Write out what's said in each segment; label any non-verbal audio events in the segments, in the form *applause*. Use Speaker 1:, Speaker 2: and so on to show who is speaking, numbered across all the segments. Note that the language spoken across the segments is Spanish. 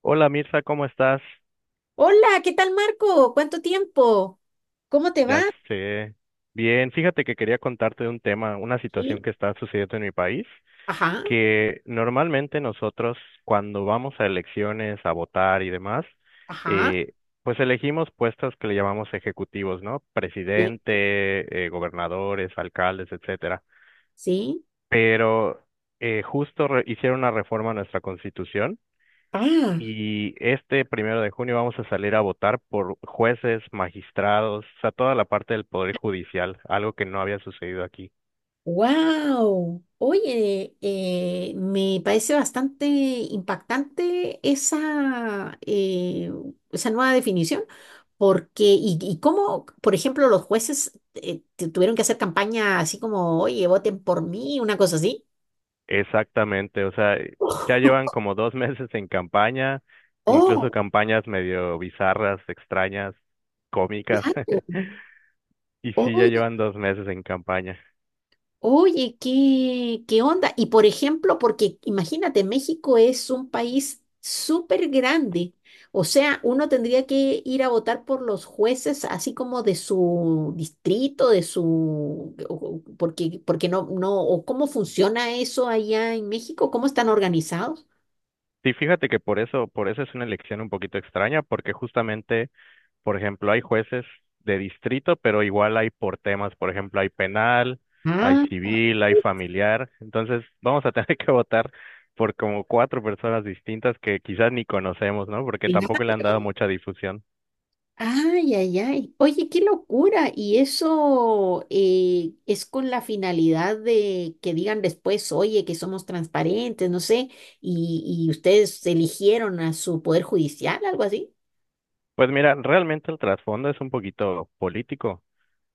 Speaker 1: Hola Mirza, ¿cómo estás?
Speaker 2: Hola, ¿qué tal Marco? ¿Cuánto tiempo? ¿Cómo te va?
Speaker 1: Ya sé. Bien, fíjate que quería contarte de un tema, una
Speaker 2: Sí.
Speaker 1: situación que está sucediendo en mi país,
Speaker 2: Ajá,
Speaker 1: que normalmente nosotros cuando vamos a elecciones, a votar y demás,
Speaker 2: ajá,
Speaker 1: eh, pues elegimos puestos que le llamamos ejecutivos, ¿no?
Speaker 2: sí,
Speaker 1: Presidente, gobernadores, alcaldes, etcétera.
Speaker 2: sí.
Speaker 1: Pero justo hicieron una reforma a nuestra constitución.
Speaker 2: Ah,
Speaker 1: Y este 1 de junio vamos a salir a votar por jueces, magistrados, o sea, toda la parte del Poder Judicial, algo que no había sucedido aquí.
Speaker 2: wow. Oye, me parece bastante impactante esa, esa nueva definición, porque, y cómo, por ejemplo, los jueces tuvieron que hacer campaña así como, oye, voten por mí, una cosa así.
Speaker 1: Exactamente, o sea, ya llevan como dos *laughs* meses en campaña, incluso
Speaker 2: Oh,
Speaker 1: campañas medio bizarras, extrañas, cómicas,
Speaker 2: claro.
Speaker 1: *laughs* y sí, ya llevan 2 meses en campaña.
Speaker 2: Oye, ¿qué, qué onda? Y por ejemplo, porque imagínate, México es un país súper grande. O sea, uno tendría que ir a votar por los jueces así como de su distrito, de Porque, porque no, no, o cómo funciona eso allá en México, cómo están organizados.
Speaker 1: Sí, fíjate que por eso es una elección un poquito extraña, porque justamente. Por ejemplo, hay jueces de distrito, pero igual hay por temas, por ejemplo, hay penal, hay
Speaker 2: Ah,
Speaker 1: civil, hay familiar. Entonces, vamos a tener *laughs* que votar por como cuatro personas distintas que quizás ni conocemos, ¿no? Porque tampoco le han dado
Speaker 2: claro.
Speaker 1: mucha difusión.
Speaker 2: Ay, ay, ay. Oye, qué locura. ¿Y eso es con la finalidad de que digan después, oye, que somos transparentes, no sé, y ustedes eligieron a su poder judicial, algo así?
Speaker 1: Pues mira, realmente el trasfondo es un poquito político,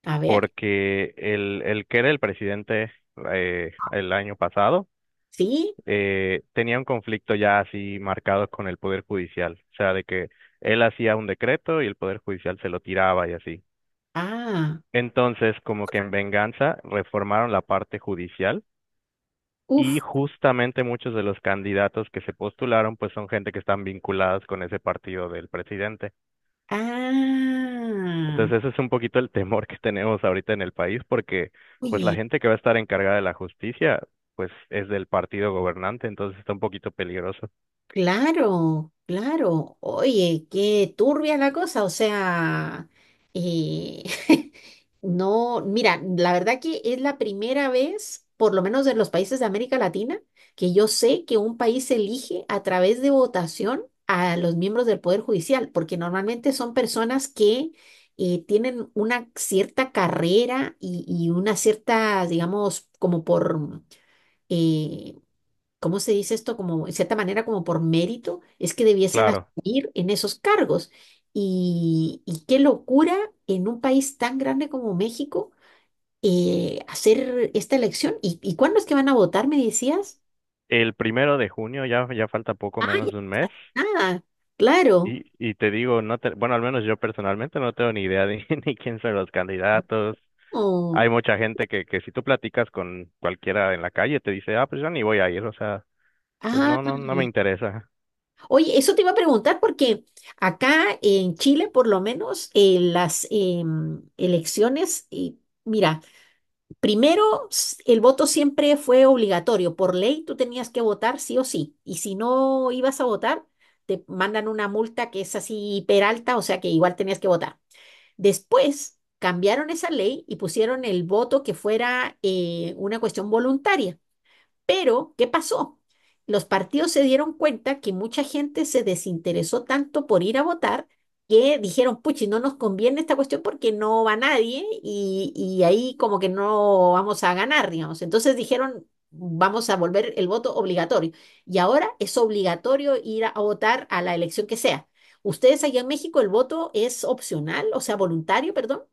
Speaker 2: A ver,
Speaker 1: porque el que era el presidente el año pasado,
Speaker 2: ¿sí?
Speaker 1: tenía un conflicto ya así marcado con el Poder Judicial, o sea, de que él hacía un decreto y el Poder Judicial se lo tiraba y así.
Speaker 2: Ah,
Speaker 1: Entonces, como que en venganza, reformaron la parte judicial y
Speaker 2: uff.
Speaker 1: justamente muchos de los candidatos que se postularon, pues son gente que están vinculadas con ese partido del presidente.
Speaker 2: Ah,
Speaker 1: Entonces, ese es un poquito el temor que tenemos ahorita en el país porque, pues, la
Speaker 2: oye.
Speaker 1: gente que va a estar encargada de la justicia, pues, es del partido gobernante, entonces está un poquito peligroso.
Speaker 2: Claro, claro. Oye, qué turbia la cosa. O sea, eh, *laughs* no, mira, la verdad que es la primera vez, por lo menos en los países de América Latina, que yo sé que un país elige a través de votación a los miembros del Poder Judicial, porque normalmente son personas que tienen una cierta carrera y una cierta, digamos, como por... eh, ¿cómo se dice esto? Como, en cierta manera, como por mérito, es que debiesen
Speaker 1: Claro.
Speaker 2: asumir en esos cargos. Y qué locura en un país tan grande como México hacer esta elección. Y cuándo es que van a votar, me decías?
Speaker 1: El 1 de junio ya, ya falta poco
Speaker 2: Ah, ya,
Speaker 1: menos de un mes.
Speaker 2: nada, claro.
Speaker 1: Y te digo, no te, bueno, al menos yo personalmente no tengo ni idea de *laughs* ni quién son los candidatos.
Speaker 2: Oh,
Speaker 1: Hay mucha gente que si tú platicas con cualquiera en la calle te dice, ah, pues yo ni voy a ir, o sea, pues
Speaker 2: ah.
Speaker 1: no, no, no me interesa.
Speaker 2: Oye, eso te iba a preguntar porque acá en Chile, por lo menos, elecciones, y mira, primero, el voto siempre fue obligatorio. Por ley, tú tenías que votar sí o sí. Y si no ibas a votar, te mandan una multa que es así peralta, o sea que igual tenías que votar. Después, cambiaron esa ley y pusieron el voto que fuera una cuestión voluntaria. Pero, ¿qué pasó? Los partidos se dieron cuenta que mucha gente se desinteresó tanto por ir a votar que dijeron, puchi, no nos conviene esta cuestión porque no va nadie y, y ahí como que no vamos a ganar, digamos. Entonces dijeron, vamos a volver el voto obligatorio. Y ahora es obligatorio ir a votar a la elección que sea. ¿Ustedes allá en México el voto es opcional, o sea, voluntario, perdón?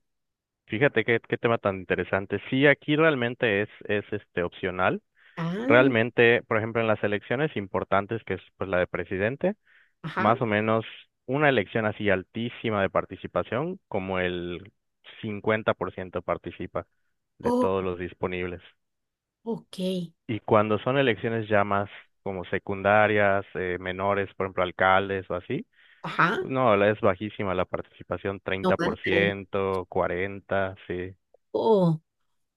Speaker 1: Fíjate qué tema tan interesante. Sí, aquí realmente es este opcional.
Speaker 2: Ah,
Speaker 1: Realmente, por ejemplo, en las elecciones importantes, que es pues la de presidente,
Speaker 2: ajá.
Speaker 1: más o menos una elección así altísima de participación, como el 50% participa de
Speaker 2: Oh,
Speaker 1: todos los disponibles.
Speaker 2: ok.
Speaker 1: Y cuando son elecciones ya más como secundarias, menores, por ejemplo, alcaldes o así,
Speaker 2: Ajá.
Speaker 1: no, es bajísima la participación,
Speaker 2: No, ándale.
Speaker 1: 30%, 40%, sí.
Speaker 2: Oh.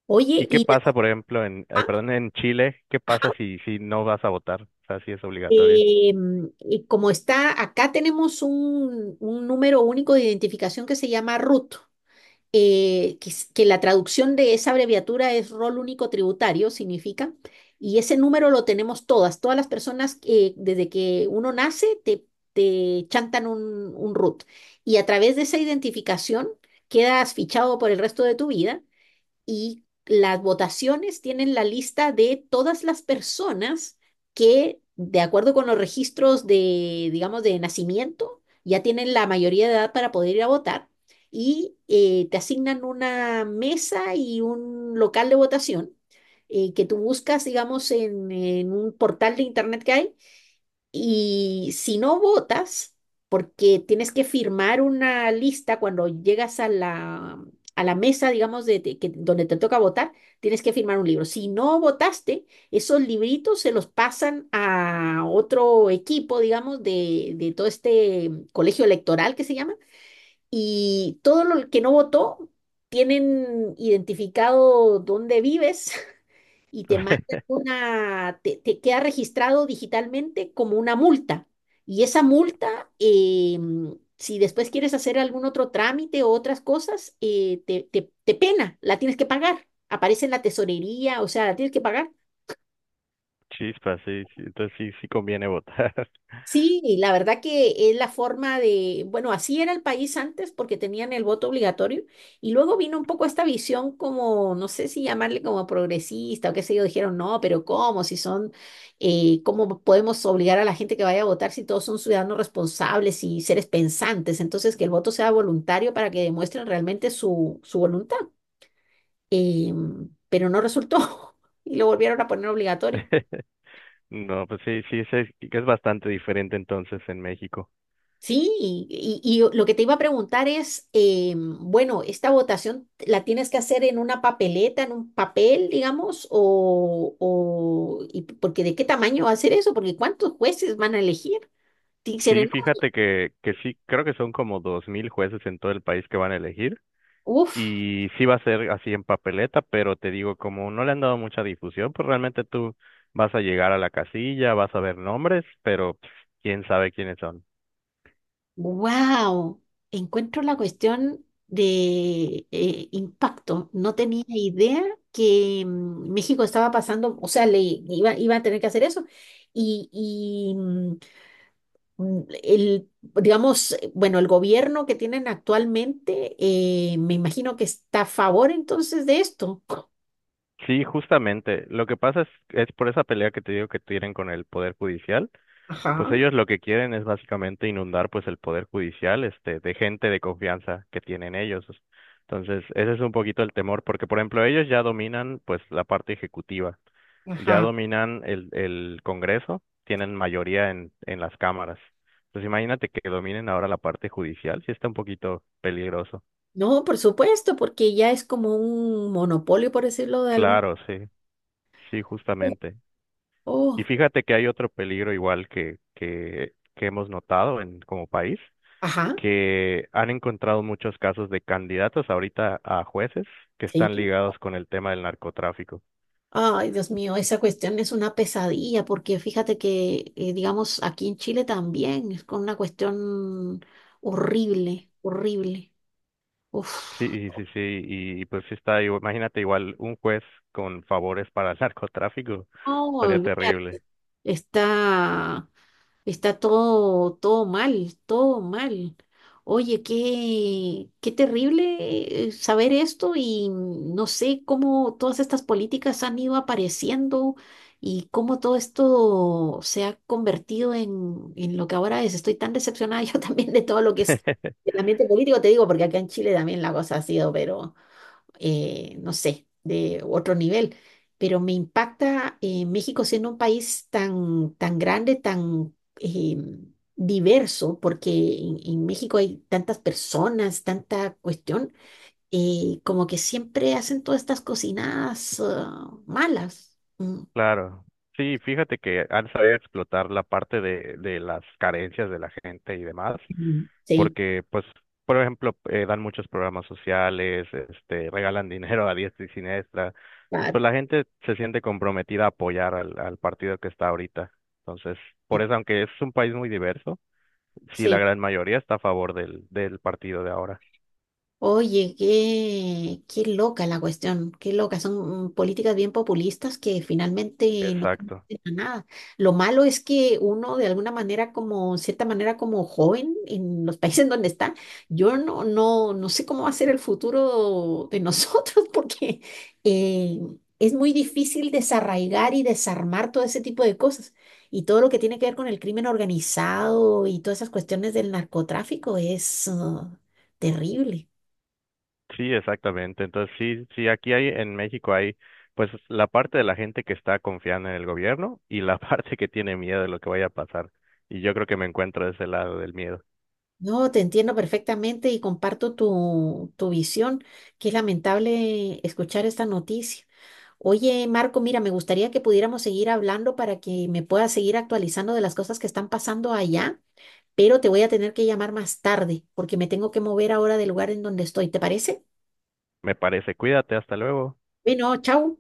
Speaker 2: Oye,
Speaker 1: ¿Y qué pasa, por ejemplo, en, ay,
Speaker 2: ah,
Speaker 1: perdón, en Chile? ¿Qué pasa
Speaker 2: ajá,
Speaker 1: si no vas a votar? O sea, si es obligatorio.
Speaker 2: y como está, acá tenemos un número único de identificación que se llama RUT, que la traducción de esa abreviatura es Rol Único Tributario, significa, y ese número lo tenemos todas, todas las personas que desde que uno nace te, te chantan un RUT, y a través de esa identificación quedas fichado por el resto de tu vida y las votaciones tienen la lista de todas las personas que, de acuerdo con los registros de, digamos, de nacimiento, ya tienen la mayoría de edad para poder ir a votar y te asignan una mesa y un local de votación que tú buscas, digamos, en un portal de internet que hay y si no votas, porque tienes que firmar una lista cuando llegas a la mesa, digamos, donde te toca votar, tienes que firmar un libro. Si no votaste, esos libritos se los pasan a otro equipo, digamos, de todo este colegio electoral que se llama, y todo lo que no votó, tienen identificado dónde vives y te mandan
Speaker 1: *laughs*
Speaker 2: una, te queda registrado digitalmente como una multa. Y esa multa, si después quieres hacer algún otro trámite o otras cosas, te pena, la tienes que pagar. Aparece en la tesorería, o sea, la tienes que pagar.
Speaker 1: Chispa, sí, sí, entonces sí, sí conviene votar.
Speaker 2: Sí, y la verdad que es la forma de, bueno, así era el país antes porque tenían el voto obligatorio y luego vino un poco esta visión como, no sé si llamarle como progresista o qué sé yo, dijeron, no, pero ¿cómo? Si son, ¿cómo podemos obligar a la gente que vaya a votar si todos son ciudadanos responsables y seres pensantes? Entonces, que el voto sea voluntario para que demuestren realmente su, su voluntad. Pero no resultó *laughs* y lo volvieron a poner obligatorio.
Speaker 1: *laughs* No, pues sí, sí, sí, que es bastante diferente entonces en México.
Speaker 2: Sí, y lo que te iba a preguntar es, bueno, ¿esta votación la tienes que hacer en una papeleta, en un papel, digamos, o y porque de qué tamaño va a ser eso? Porque ¿cuántos jueces van a elegir? Tiene que ser
Speaker 1: Sí,
Speaker 2: enorme.
Speaker 1: fíjate que sí, creo que son como 2.000 jueces en todo el país que van a elegir
Speaker 2: Uf,
Speaker 1: y sí va a ser así en papeleta, pero te digo, como no le han dado mucha difusión, pues realmente tú vas a llegar a la casilla, vas a ver nombres, pero pues, quién sabe quiénes son.
Speaker 2: wow, encuentro la cuestión de impacto. No tenía idea que México estaba pasando, o sea, iba a tener que hacer eso. Y, el, digamos, bueno, el gobierno que tienen actualmente, me imagino que está a favor entonces de esto.
Speaker 1: Sí, justamente, lo que pasa es por esa pelea que te digo que tienen con el Poder Judicial. Pues
Speaker 2: Ajá,
Speaker 1: ellos lo que quieren es básicamente inundar pues el poder judicial este de gente de confianza que tienen ellos. Entonces, ese es un poquito el temor, porque por ejemplo, ellos ya dominan pues la parte ejecutiva, ya
Speaker 2: ajá.
Speaker 1: dominan el Congreso, tienen mayoría en las cámaras. Entonces, imagínate que dominen ahora la parte judicial, sí está un poquito peligroso.
Speaker 2: No, por supuesto, porque ya es como un monopolio, por decirlo de algún...
Speaker 1: Claro, sí, sí, justamente. Y
Speaker 2: Oh,
Speaker 1: fíjate que hay otro peligro igual que hemos notado en como país
Speaker 2: ajá,
Speaker 1: que han encontrado muchos casos de candidatos ahorita a jueces que están
Speaker 2: sí.
Speaker 1: ligados con el tema del narcotráfico.
Speaker 2: Ay, Dios mío, esa cuestión es una pesadilla, porque fíjate que, digamos, aquí en Chile también es con una cuestión horrible, horrible. Uf,
Speaker 1: Sí, sí, sí, y pues sí está, imagínate igual un juez con favores para el *laughs* narcotráfico,
Speaker 2: no,
Speaker 1: sería
Speaker 2: olvídate.
Speaker 1: terrible.
Speaker 2: Está. Está todo, todo mal, todo mal. Oye, qué, qué terrible saber esto y no sé cómo todas estas políticas han ido apareciendo y cómo todo esto se ha convertido en lo que ahora es. Estoy tan decepcionada *laughs* yo también de todo lo que es
Speaker 1: *laughs*
Speaker 2: el ambiente político, te digo, porque acá en Chile también la cosa ha sido, pero no sé, de otro nivel. Pero me impacta México siendo un país tan, tan grande, tan diverso, porque en México hay tantas personas, tanta cuestión, como que siempre hacen todas estas cocinadas ah, malas.
Speaker 1: Claro. Sí, fíjate que han sabido explotar la parte de las carencias de la gente y demás,
Speaker 2: Mm. Sí,
Speaker 1: porque pues, por ejemplo, dan muchos programas sociales, este, regalan *laughs* dinero a diestra y siniestra. Entonces,
Speaker 2: pa-
Speaker 1: pues la gente se siente comprometida a apoyar al partido que está ahorita. Entonces, por eso, aunque es un país muy diverso, sí, la
Speaker 2: sí.
Speaker 1: gran mayoría está a favor del partido de ahora.
Speaker 2: Oye, qué, qué loca la cuestión, qué loca. Son políticas bien populistas que finalmente no
Speaker 1: Exacto.
Speaker 2: conducen a nada. Lo malo es que uno de alguna manera, como cierta manera, como joven en los *laughs* países en donde está, yo no sé cómo va a ser el futuro de nosotros *laughs* porque eh, es muy difícil desarraigar y desarmar todo ese tipo de cosas. Y todo lo que tiene que ver con el crimen organizado y todas esas cuestiones del narcotráfico es ah, terrible.
Speaker 1: Sí, exactamente. Entonces, sí, sí, aquí hay en México hay pues la parte de la gente que está confiando en el gobierno y la *laughs* parte que tiene miedo de lo que vaya a pasar. Y yo creo que me encuentro de ese lado del miedo.
Speaker 2: No, te entiendo perfectamente y comparto tu, tu visión. Qué lamentable escuchar esta noticia. Oye, Marco, mira, me gustaría que pudiéramos seguir hablando para que me puedas seguir actualizando de las cosas que están pasando allá, pero te voy a tener que llamar más tarde porque me tengo que mover ahora del lugar en donde estoy. ¿Te parece?
Speaker 1: Me parece, cuídate, hasta luego.
Speaker 2: Bueno, chao.